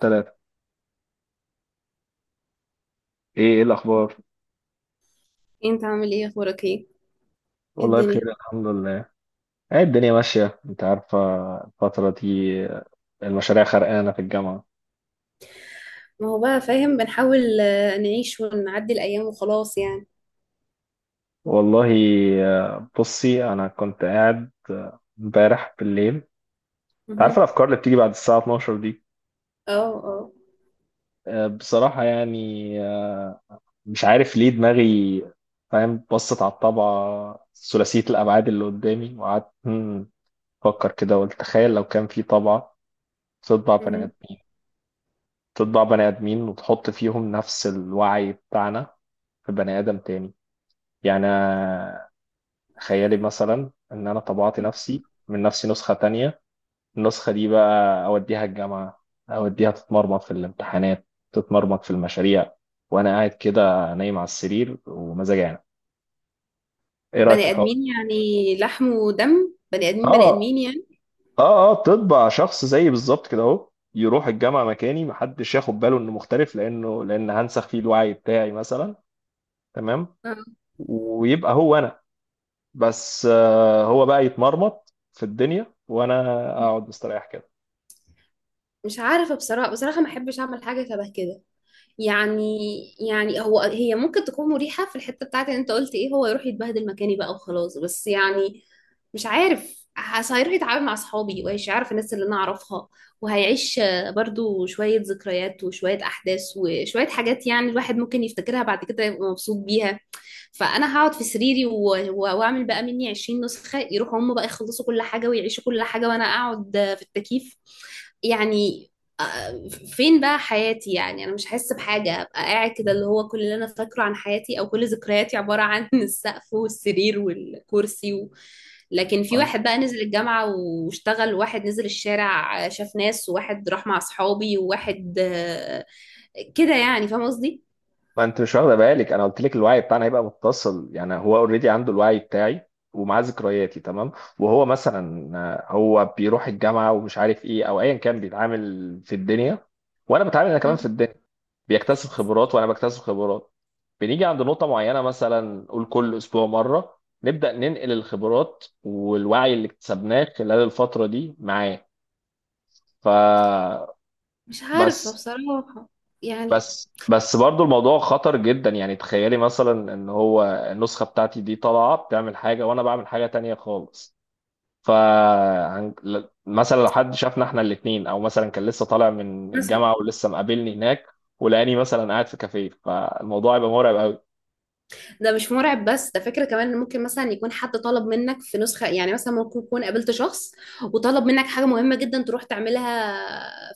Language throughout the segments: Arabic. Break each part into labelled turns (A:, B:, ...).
A: ثلاثة. ايه الاخبار؟
B: انت عامل ايه؟ اخبارك ايه؟ ايه
A: والله بخير،
B: الدنيا؟
A: الحمد لله. ايه الدنيا ماشية. انت عارفة الفترة دي المشاريع خرقانة في الجامعة.
B: ما هو بقى فاهم، بنحاول نعيش ونعدي الايام وخلاص يعني.
A: والله، بصي، انا كنت قاعد امبارح بالليل. انت عارفة
B: مهم.
A: الافكار اللي بتيجي بعد الساعة 12 دي؟
B: اه. اه.
A: بصراحة يعني، مش عارف ليه دماغي، فاهم، بصت على الطبعة ثلاثية الابعاد اللي قدامي، وقعدت افكر كده، وقلت تخيل لو كان في طبعة تطبع بني
B: مم.
A: ادمين تطبع بني آدمين وتحط فيهم نفس الوعي بتاعنا في بني آدم تاني. يعني أنا خيالي مثلا إن أنا طبعت نفسي من نفسي نسخة تانية. النسخة دي بقى أوديها الجامعة، أوديها تتمرمط في الامتحانات، تتمرمط في المشاريع، وأنا قاعد كده نايم على السرير ومزاجي يعني. إيه رأيك في
B: بني
A: الحوار؟
B: ادمين يعني، لحم ودم، بني ادمين بني
A: آه،
B: ادمين يعني.
A: آه، آه، تطبع شخص زيي بالظبط كده أهو، يروح الجامعة مكاني، محدش ياخد باله إنه مختلف لأنه، لأن هنسخ فيه الوعي بتاعي مثلا. تمام،
B: آه.
A: ويبقى هو أنا. بس هو بقى يتمرمط في الدنيا، وانا اقعد مستريح كده.
B: مش عارفه بصراحه بصراحه، ما احبش اعمل حاجه شبه كده يعني يعني هو هي ممكن تكون مريحة في الحتة بتاعت ان انت قلت ايه، هو يروح يتبهدل مكاني بقى وخلاص، بس يعني مش عارف، حاسة هيروح يتعامل مع اصحابي وهيعرف الناس اللي انا اعرفها، وهيعيش برضو شوية ذكريات وشوية احداث وشوية حاجات، يعني الواحد ممكن يفتكرها بعد كده يبقى مبسوط بيها. فانا هقعد في سريري واعمل بقى مني 20 نسخة، يروحوا هم بقى يخلصوا كل حاجة ويعيشوا كل حاجة، وانا اقعد في التكييف يعني. فين بقى حياتي؟ يعني انا مش هحس بحاجه، ابقى قاعد كده اللي هو كل اللي انا فاكره عن حياتي او كل ذكرياتي عباره عن السقف والسرير والكرسي و... لكن في
A: ما
B: واحد بقى نزل الجامعه واشتغل، وواحد نزل الشارع شاف ناس، وواحد راح مع اصحابي، وواحد كده يعني، فاهم قصدي.
A: ما انت مش واخده بالك، انا قلت لك الوعي بتاعنا هيبقى متصل. يعني هو اوريدي عنده الوعي بتاعي ومعاه ذكرياتي، تمام. وهو مثلا هو بيروح الجامعه، ومش عارف ايه او ايا كان، بيتعامل في الدنيا، وانا بتعامل انا كمان في
B: مم.
A: الدنيا. بيكتسب خبرات وانا بكتسب خبرات. بنيجي عند نقطه معينه، مثلا قول كل اسبوع مره نبدا ننقل الخبرات والوعي اللي اكتسبناه خلال الفتره دي معاه. فبس
B: مش عارفه
A: بس
B: بصراحه يعني.
A: بس بس برضو الموضوع خطر جدا. يعني تخيلي مثلا ان هو النسخة بتاعتي دي طالعة بتعمل حاجة وانا بعمل حاجة تانية خالص. ف، مثلا لو حد شافنا احنا الاتنين، او مثلا كان لسه طالع من الجامعة ولسه مقابلني هناك ولقاني مثلا قاعد في كافيه، فالموضوع يبقى مرعب قوي.
B: ده مش مرعب بس، ده فكرة كمان، إن ممكن مثلا يكون حد طلب منك في نسخة، يعني مثلا ممكن يكون قابلت شخص وطلب منك حاجة مهمة جدا تروح تعملها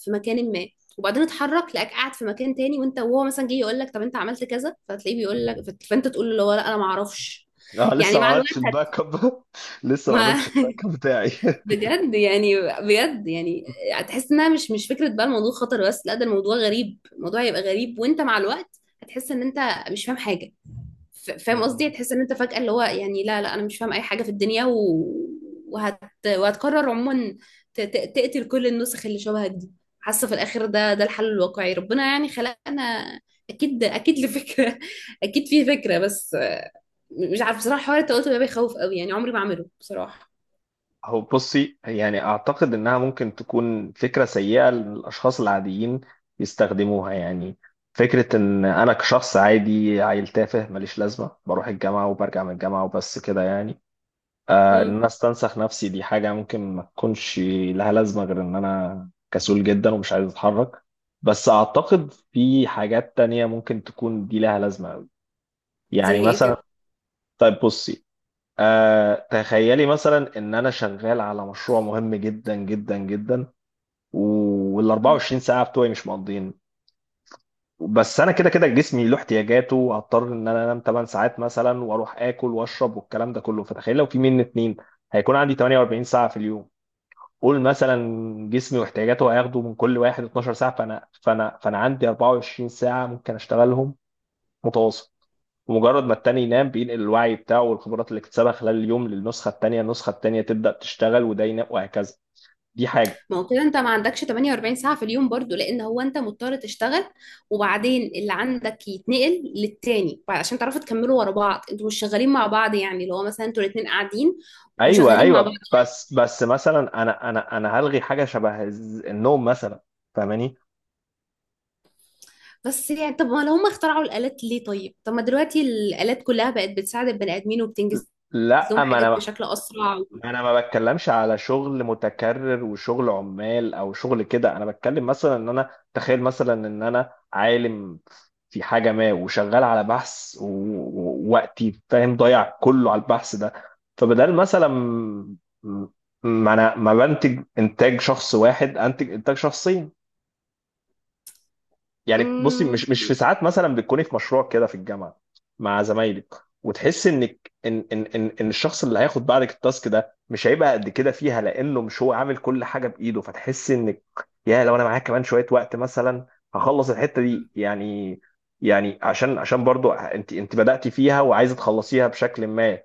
B: في مكان ما، وبعدين اتحرك لقاك قاعد في مكان تاني، وانت وهو مثلا جه يقول لك طب انت عملت كذا، فتلاقيه بيقول لك، فانت تقول له اللي هو لا انا ما اعرفش.
A: انا
B: يعني
A: لسه ما
B: مع الوقت
A: عملتش الباك اب. لسه ما
B: ما
A: عملتش الباك اب بتاعي.
B: بجد يعني، بجد يعني هتحس انها مش فكرة بقى الموضوع خطر، بس لا، ده الموضوع غريب، الموضوع هيبقى غريب، وانت مع الوقت هتحس ان انت مش فاهم حاجة. فاهم قصدي، تحس ان انت فجأة اللي هو يعني لا لا انا مش فاهم اي حاجة في الدنيا و... وهت... وهتقرر عموما تقتل كل النسخ اللي شبهك دي، حاسة في الاخر ده ده الحل الواقعي. ربنا يعني خلقنا اكيد اكيد لفكرة اكيد في فكرة، بس مش عارفة بصراحة، حوار التوأم ده بيخوف قوي، يعني عمري ما اعمله بصراحة.
A: هو بصي، يعني اعتقد انها ممكن تكون فكره سيئه للاشخاص العاديين يستخدموها يعني. فكره ان انا كشخص عادي، عيل تافه ماليش لازمه، بروح الجامعه وبرجع من الجامعه وبس كده يعني، آه، ان
B: امم.
A: انا استنسخ نفسي، دي حاجه ممكن ما تكونش لها لازمه غير ان انا كسول جدا ومش عايز اتحرك. بس اعتقد في حاجات تانية ممكن تكون دي لها لازمه قوي. يعني
B: زي ايه؟
A: مثلا، طيب بصي، تخيلي مثلا ان انا شغال على مشروع مهم جدا جدا جدا، وال
B: كده.
A: 24 ساعه بتوعي مش مقضيين. بس انا كده كده جسمي له احتياجاته، وهضطر ان انا انام 8 ساعات مثلا، واروح اكل واشرب والكلام ده كله. فتخيل لو في مني اتنين، هيكون عندي 48 ساعه في اليوم. قول مثلا جسمي واحتياجاته هياخدوا من كل واحد 12 ساعه، فانا عندي 24 ساعه ممكن اشتغلهم متواصل. ومجرد ما التاني ينام بينقل الوعي بتاعه والخبرات اللي اكتسبها خلال اليوم للنسخة التانية، النسخة التانية تبدأ تشتغل وده ينام، وهكذا. دي حاجة.
B: ما هو كده انت ما عندكش 48 ساعة في اليوم برضو، لان هو انت مضطر تشتغل، وبعدين اللي عندك يتنقل للتاني عشان تعرفوا تكملوا ورا بعض، انتوا مش شغالين مع بعض، يعني اللي هو مثلا انتوا الاتنين قاعدين
A: ايوه،
B: وشغالين مع بعض،
A: ايوه، بس مثلا انا هلغي حاجة شبه النوم مثلا. فاهماني؟
B: بس يعني طب ما لو هم اخترعوا الآلات ليه؟ طيب، طب ما دلوقتي الآلات كلها بقت بتساعد البني آدمين وبتنجز لهم
A: لا، ما
B: حاجات
A: انا
B: بشكل أسرع و...
A: انا ما بتكلمش على شغل متكرر وشغل عمال او شغل كده. انا بتكلم مثلا ان انا تخيل مثلا ان انا عالم في حاجه ما وشغال على بحث، ووقتي فاهم ضايع كله على البحث ده. فبدل مثلا ما انا ما بنتج انتاج شخص واحد، انتج انتاج شخصين. يعني بصي،
B: مم.
A: مش في ساعات مثلا بتكوني في مشروع كده في الجامعه مع زمايلك، وتحس انك ان الشخص اللي هياخد بعدك التاسك ده مش هيبقى قد كده فيها لانه مش هو عامل كل حاجه بايده، فتحس انك يا لو انا معاك كمان شويه وقت مثلا هخلص الحته دي يعني، يعني عشان برضو انت بدأتي فيها وعايزه تخلصيها بشكل ما.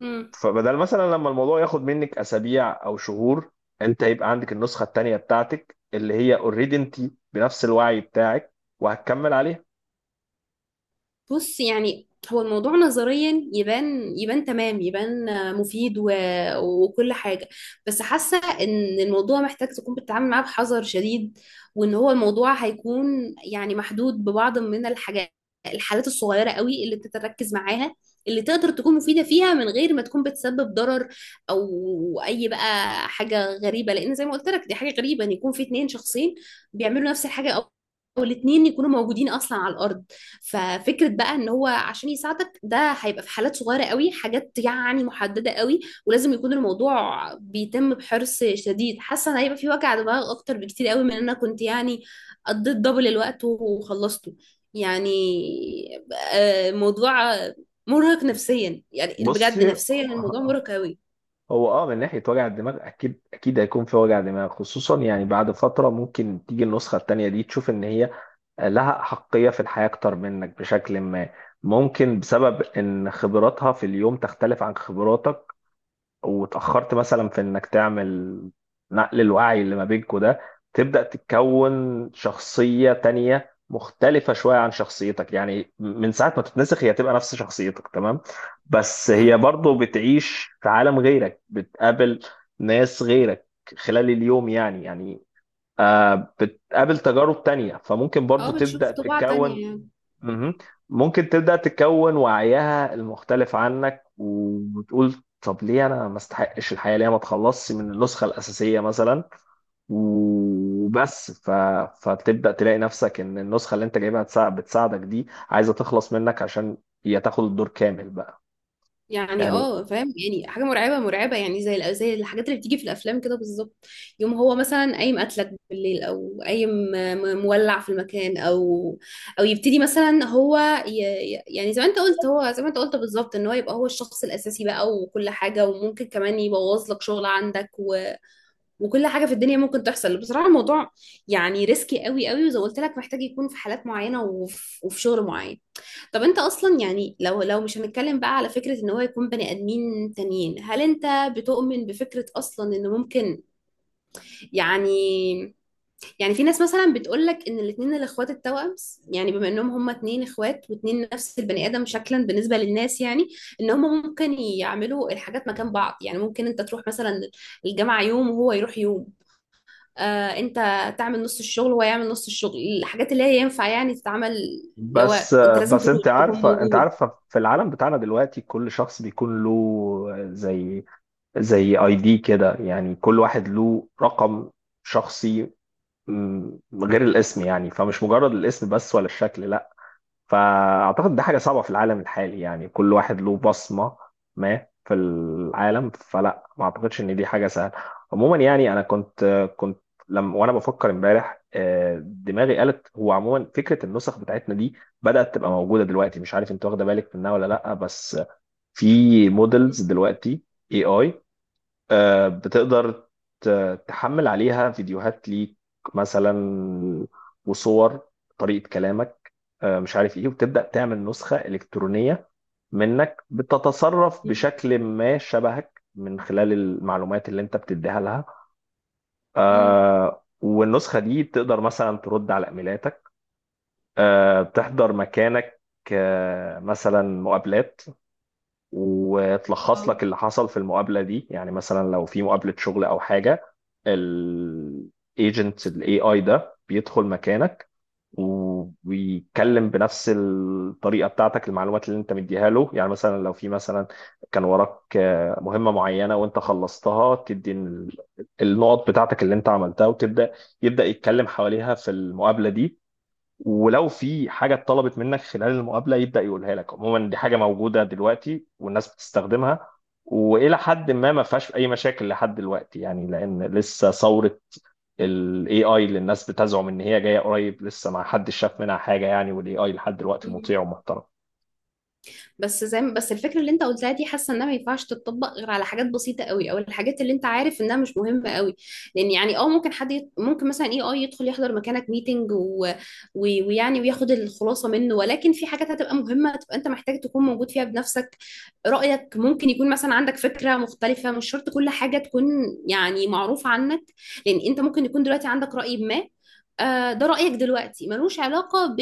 B: مم.
A: فبدل مثلا لما الموضوع ياخد منك اسابيع او شهور، انت هيبقى عندك النسخه التانيه بتاعتك اللي هي اوريدي انت بنفس الوعي بتاعك، وهتكمل عليها.
B: بص يعني هو الموضوع نظريا يبان، يبان تمام، يبان مفيد و... وكل حاجة، بس حاسة ان الموضوع محتاج تكون بتتعامل معاه بحذر شديد، وان هو الموضوع هيكون يعني محدود ببعض من الحاجات، الحالات الصغيرة قوي اللي انت تركز معاها، اللي تقدر تكون مفيدة فيها من غير ما تكون بتسبب ضرر او اي بقى حاجة غريبة، لان زي ما قلت لك دي حاجة غريبة، ان يكون في اتنين شخصين بيعملوا نفس الحاجة، او أو الاتنين يكونوا موجودين اصلا على الارض. ففكرة بقى ان هو عشان يساعدك ده، هيبقى في حالات صغيرة قوي، حاجات يعني محددة قوي، ولازم يكون الموضوع بيتم بحرص شديد. حاسة ان هيبقى في وجع دماغ اكتر بكتير قوي من ان انا كنت يعني قضيت دبل الوقت وخلصته يعني. موضوع مرهق نفسيا، يعني بجد
A: بصي،
B: نفسيا الموضوع مرهق قوي.
A: هو اه، من ناحيه وجع الدماغ، اكيد اكيد هيكون في وجع دماغ، خصوصا يعني بعد فتره ممكن تيجي النسخه التانيه دي تشوف ان هي لها حقيه في الحياه اكتر منك بشكل ما، ممكن بسبب ان خبراتها في اليوم تختلف عن خبراتك وتأخرت مثلا في إنك تعمل نقل الوعي اللي ما بينكوا ده. تبدأ تتكون شخصية تانية مختلفة شوية عن شخصيتك. يعني من ساعة ما تتنسخ هي تبقى نفس شخصيتك تمام، بس هي
B: اه.
A: برضو بتعيش في عالم غيرك، بتقابل ناس غيرك خلال اليوم يعني، آه بتقابل تجارب تانية، فممكن برضو
B: بتشوف
A: تبدأ
B: طباع
A: تتكون.
B: تانية يعني.
A: مهم. ممكن تبدأ تكون وعيها المختلف عنك، وتقول طب ليه انا ما استحقش الحياة، ليه ما اتخلصش من النسخة الأساسية مثلا، وبس ف... فتبدأ تلاقي نفسك ان النسخة اللي انت جايبها بتساعدك دي عايزة تخلص منك عشان هي تاخد الدور كامل بقى.
B: يعني
A: يعني
B: اه فاهم، يعني حاجه مرعبه مرعبه، يعني زي زي الحاجات اللي بتيجي في الافلام كده بالظبط. يوم هو مثلا قايم قتلك بالليل، او قايم مولع في المكان، او او يبتدي مثلا هو ي... يعني زي ما انت قلت، هو زي ما انت قلت بالظبط، ان هو يبقى هو الشخص الاساسي بقى وكل حاجه، وممكن كمان يبوظ لك شغل عندك و... وكل حاجه في الدنيا ممكن تحصل. بصراحه الموضوع يعني ريسكي قوي قوي، وزي ما قلت لك محتاج يكون في حالات معينه، وفي شغل معين. طب انت اصلا يعني لو مش هنتكلم بقى على فكرة ان هو يكون بني ادمين تانيين، هل انت بتؤمن بفكرة اصلا ان ممكن يعني؟ في ناس مثلا بتقولك ان الاتنين الاخوات التوأم، يعني بما انهم هما اتنين اخوات واتنين نفس البني ادم شكلا بالنسبة للناس، يعني ان هما ممكن يعملوا الحاجات مكان بعض، يعني ممكن انت تروح مثلا الجامعة يوم وهو يروح يوم، آه انت تعمل نص الشغل وهو يعمل نص الشغل، الحاجات اللي هي ينفع يعني تتعمل اللي هو
A: بس
B: انت لازم
A: بس
B: تروح
A: انت
B: تكون
A: عارفة، انت عارفة في العالم بتاعنا دلوقتي كل شخص بيكون له زي اي دي كده، يعني كل واحد له رقم شخصي، مم، غير الاسم، يعني فمش مجرد الاسم بس ولا الشكل، لا. فاعتقد ده حاجه صعبه في العالم الحالي، يعني كل واحد له بصمه ما في العالم، فلا، ما اعتقدش ان دي حاجه سهله. عموما يعني انا كنت، كنت لما وانا بفكر امبارح دماغي قالت، هو عموما فكره النسخ بتاعتنا دي بدات تبقى موجوده دلوقتي، مش عارف انت واخده بالك منها ولا لا. بس في مودلز
B: موجود.
A: دلوقتي. اي، اي، بتقدر تحمل عليها فيديوهات ليك مثلا، وصور، طريقة كلامك، مش عارف ايه، وتبدأ تعمل نسخة إلكترونية منك بتتصرف بشكل ما شبهك من خلال المعلومات اللي انت بتديها لها.
B: مم.
A: والنسخة دي تقدر مثلا ترد على إيميلاتك، تحضر مكانك، مثلا مقابلات، وتلخص
B: أو.
A: لك اللي حصل في المقابله دي. يعني مثلا لو في مقابله شغل او حاجه، الايجنت الاي اي ده بيدخل مكانك، وبيتكلم بنفس الطريقه بتاعتك، المعلومات اللي انت مديها له. يعني مثلا لو في مثلا كان وراك مهمه معينه وانت خلصتها، تدي النقط بتاعتك اللي انت عملتها، يبدا يتكلم حواليها في المقابله دي. ولو في حاجة اتطلبت منك خلال المقابلة يبدأ يقولها لك. عموما دي حاجة موجودة دلوقتي والناس بتستخدمها، وإلى حد ما ما فيهاش أي مشاكل لحد دلوقتي، يعني لأن لسه ثورة ال AI اللي الناس بتزعم إن هي جاية قريب لسه ما حدش شاف منها حاجة يعني، وال AI لحد دلوقتي
B: مم.
A: مطيع ومحترم.
B: بس زي ما بس الفكره اللي انت قلتها دي، حاسه انها ما ينفعش تتطبق غير على حاجات بسيطه قوي، او الحاجات اللي انت عارف انها مش مهمه قوي، لان يعني اه ممكن ممكن مثلا اي اي يدخل يحضر مكانك ميتنج و... و... ويعني وياخد الخلاصه منه، ولكن في حاجات هتبقى مهمه، تبقى انت محتاج تكون موجود فيها بنفسك. رايك ممكن يكون مثلا عندك فكره مختلفه، مش شرط كل حاجه تكون يعني معروفه عنك، لان انت ممكن يكون دلوقتي عندك راي ما. ده رأيك دلوقتي، ملوش علاقة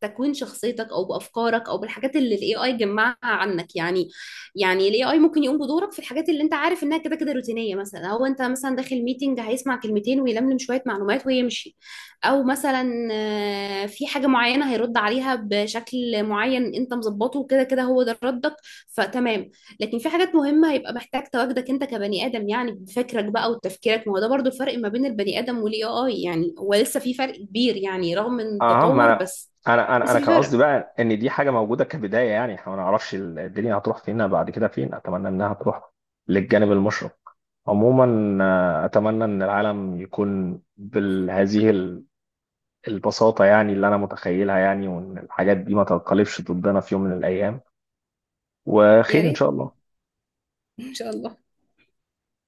B: تكوين شخصيتك او بافكارك او بالحاجات اللي الاي اي جمعها عنك يعني. يعني الاي اي ممكن يقوم بدورك في الحاجات اللي انت عارف انها كده كده روتينيه، مثلا هو انت مثلا داخل ميتنج، هيسمع كلمتين ويلملم شويه معلومات ويمشي، او مثلا في حاجه معينه هيرد عليها بشكل معين انت مظبطه، وكده كده هو ده ردك، فتمام. لكن في حاجات مهمه هيبقى محتاج تواجدك انت كبني ادم يعني، بفكرك بقى وتفكيرك، ما هو ده برضو الفرق ما بين البني ادم والاي اي يعني، هو لسه في فرق كبير يعني رغم
A: أهم،
B: التطور،
A: أنا،
B: بس
A: أنا أنا
B: بس
A: أنا
B: في
A: كان قصدي
B: فرق.
A: بقى إن دي حاجة موجودة كبداية. يعني إحنا ما نعرفش الدنيا هتروح فينا بعد كده فين، أتمنى إنها تروح للجانب المشرق عموما. أتمنى إن العالم يكون بهذه البساطة، يعني اللي أنا متخيلها، يعني وإن الحاجات دي ما تنقلبش ضدنا في يوم من الأيام،
B: يا
A: وخير إن
B: ريت،
A: شاء الله.
B: ان شاء الله.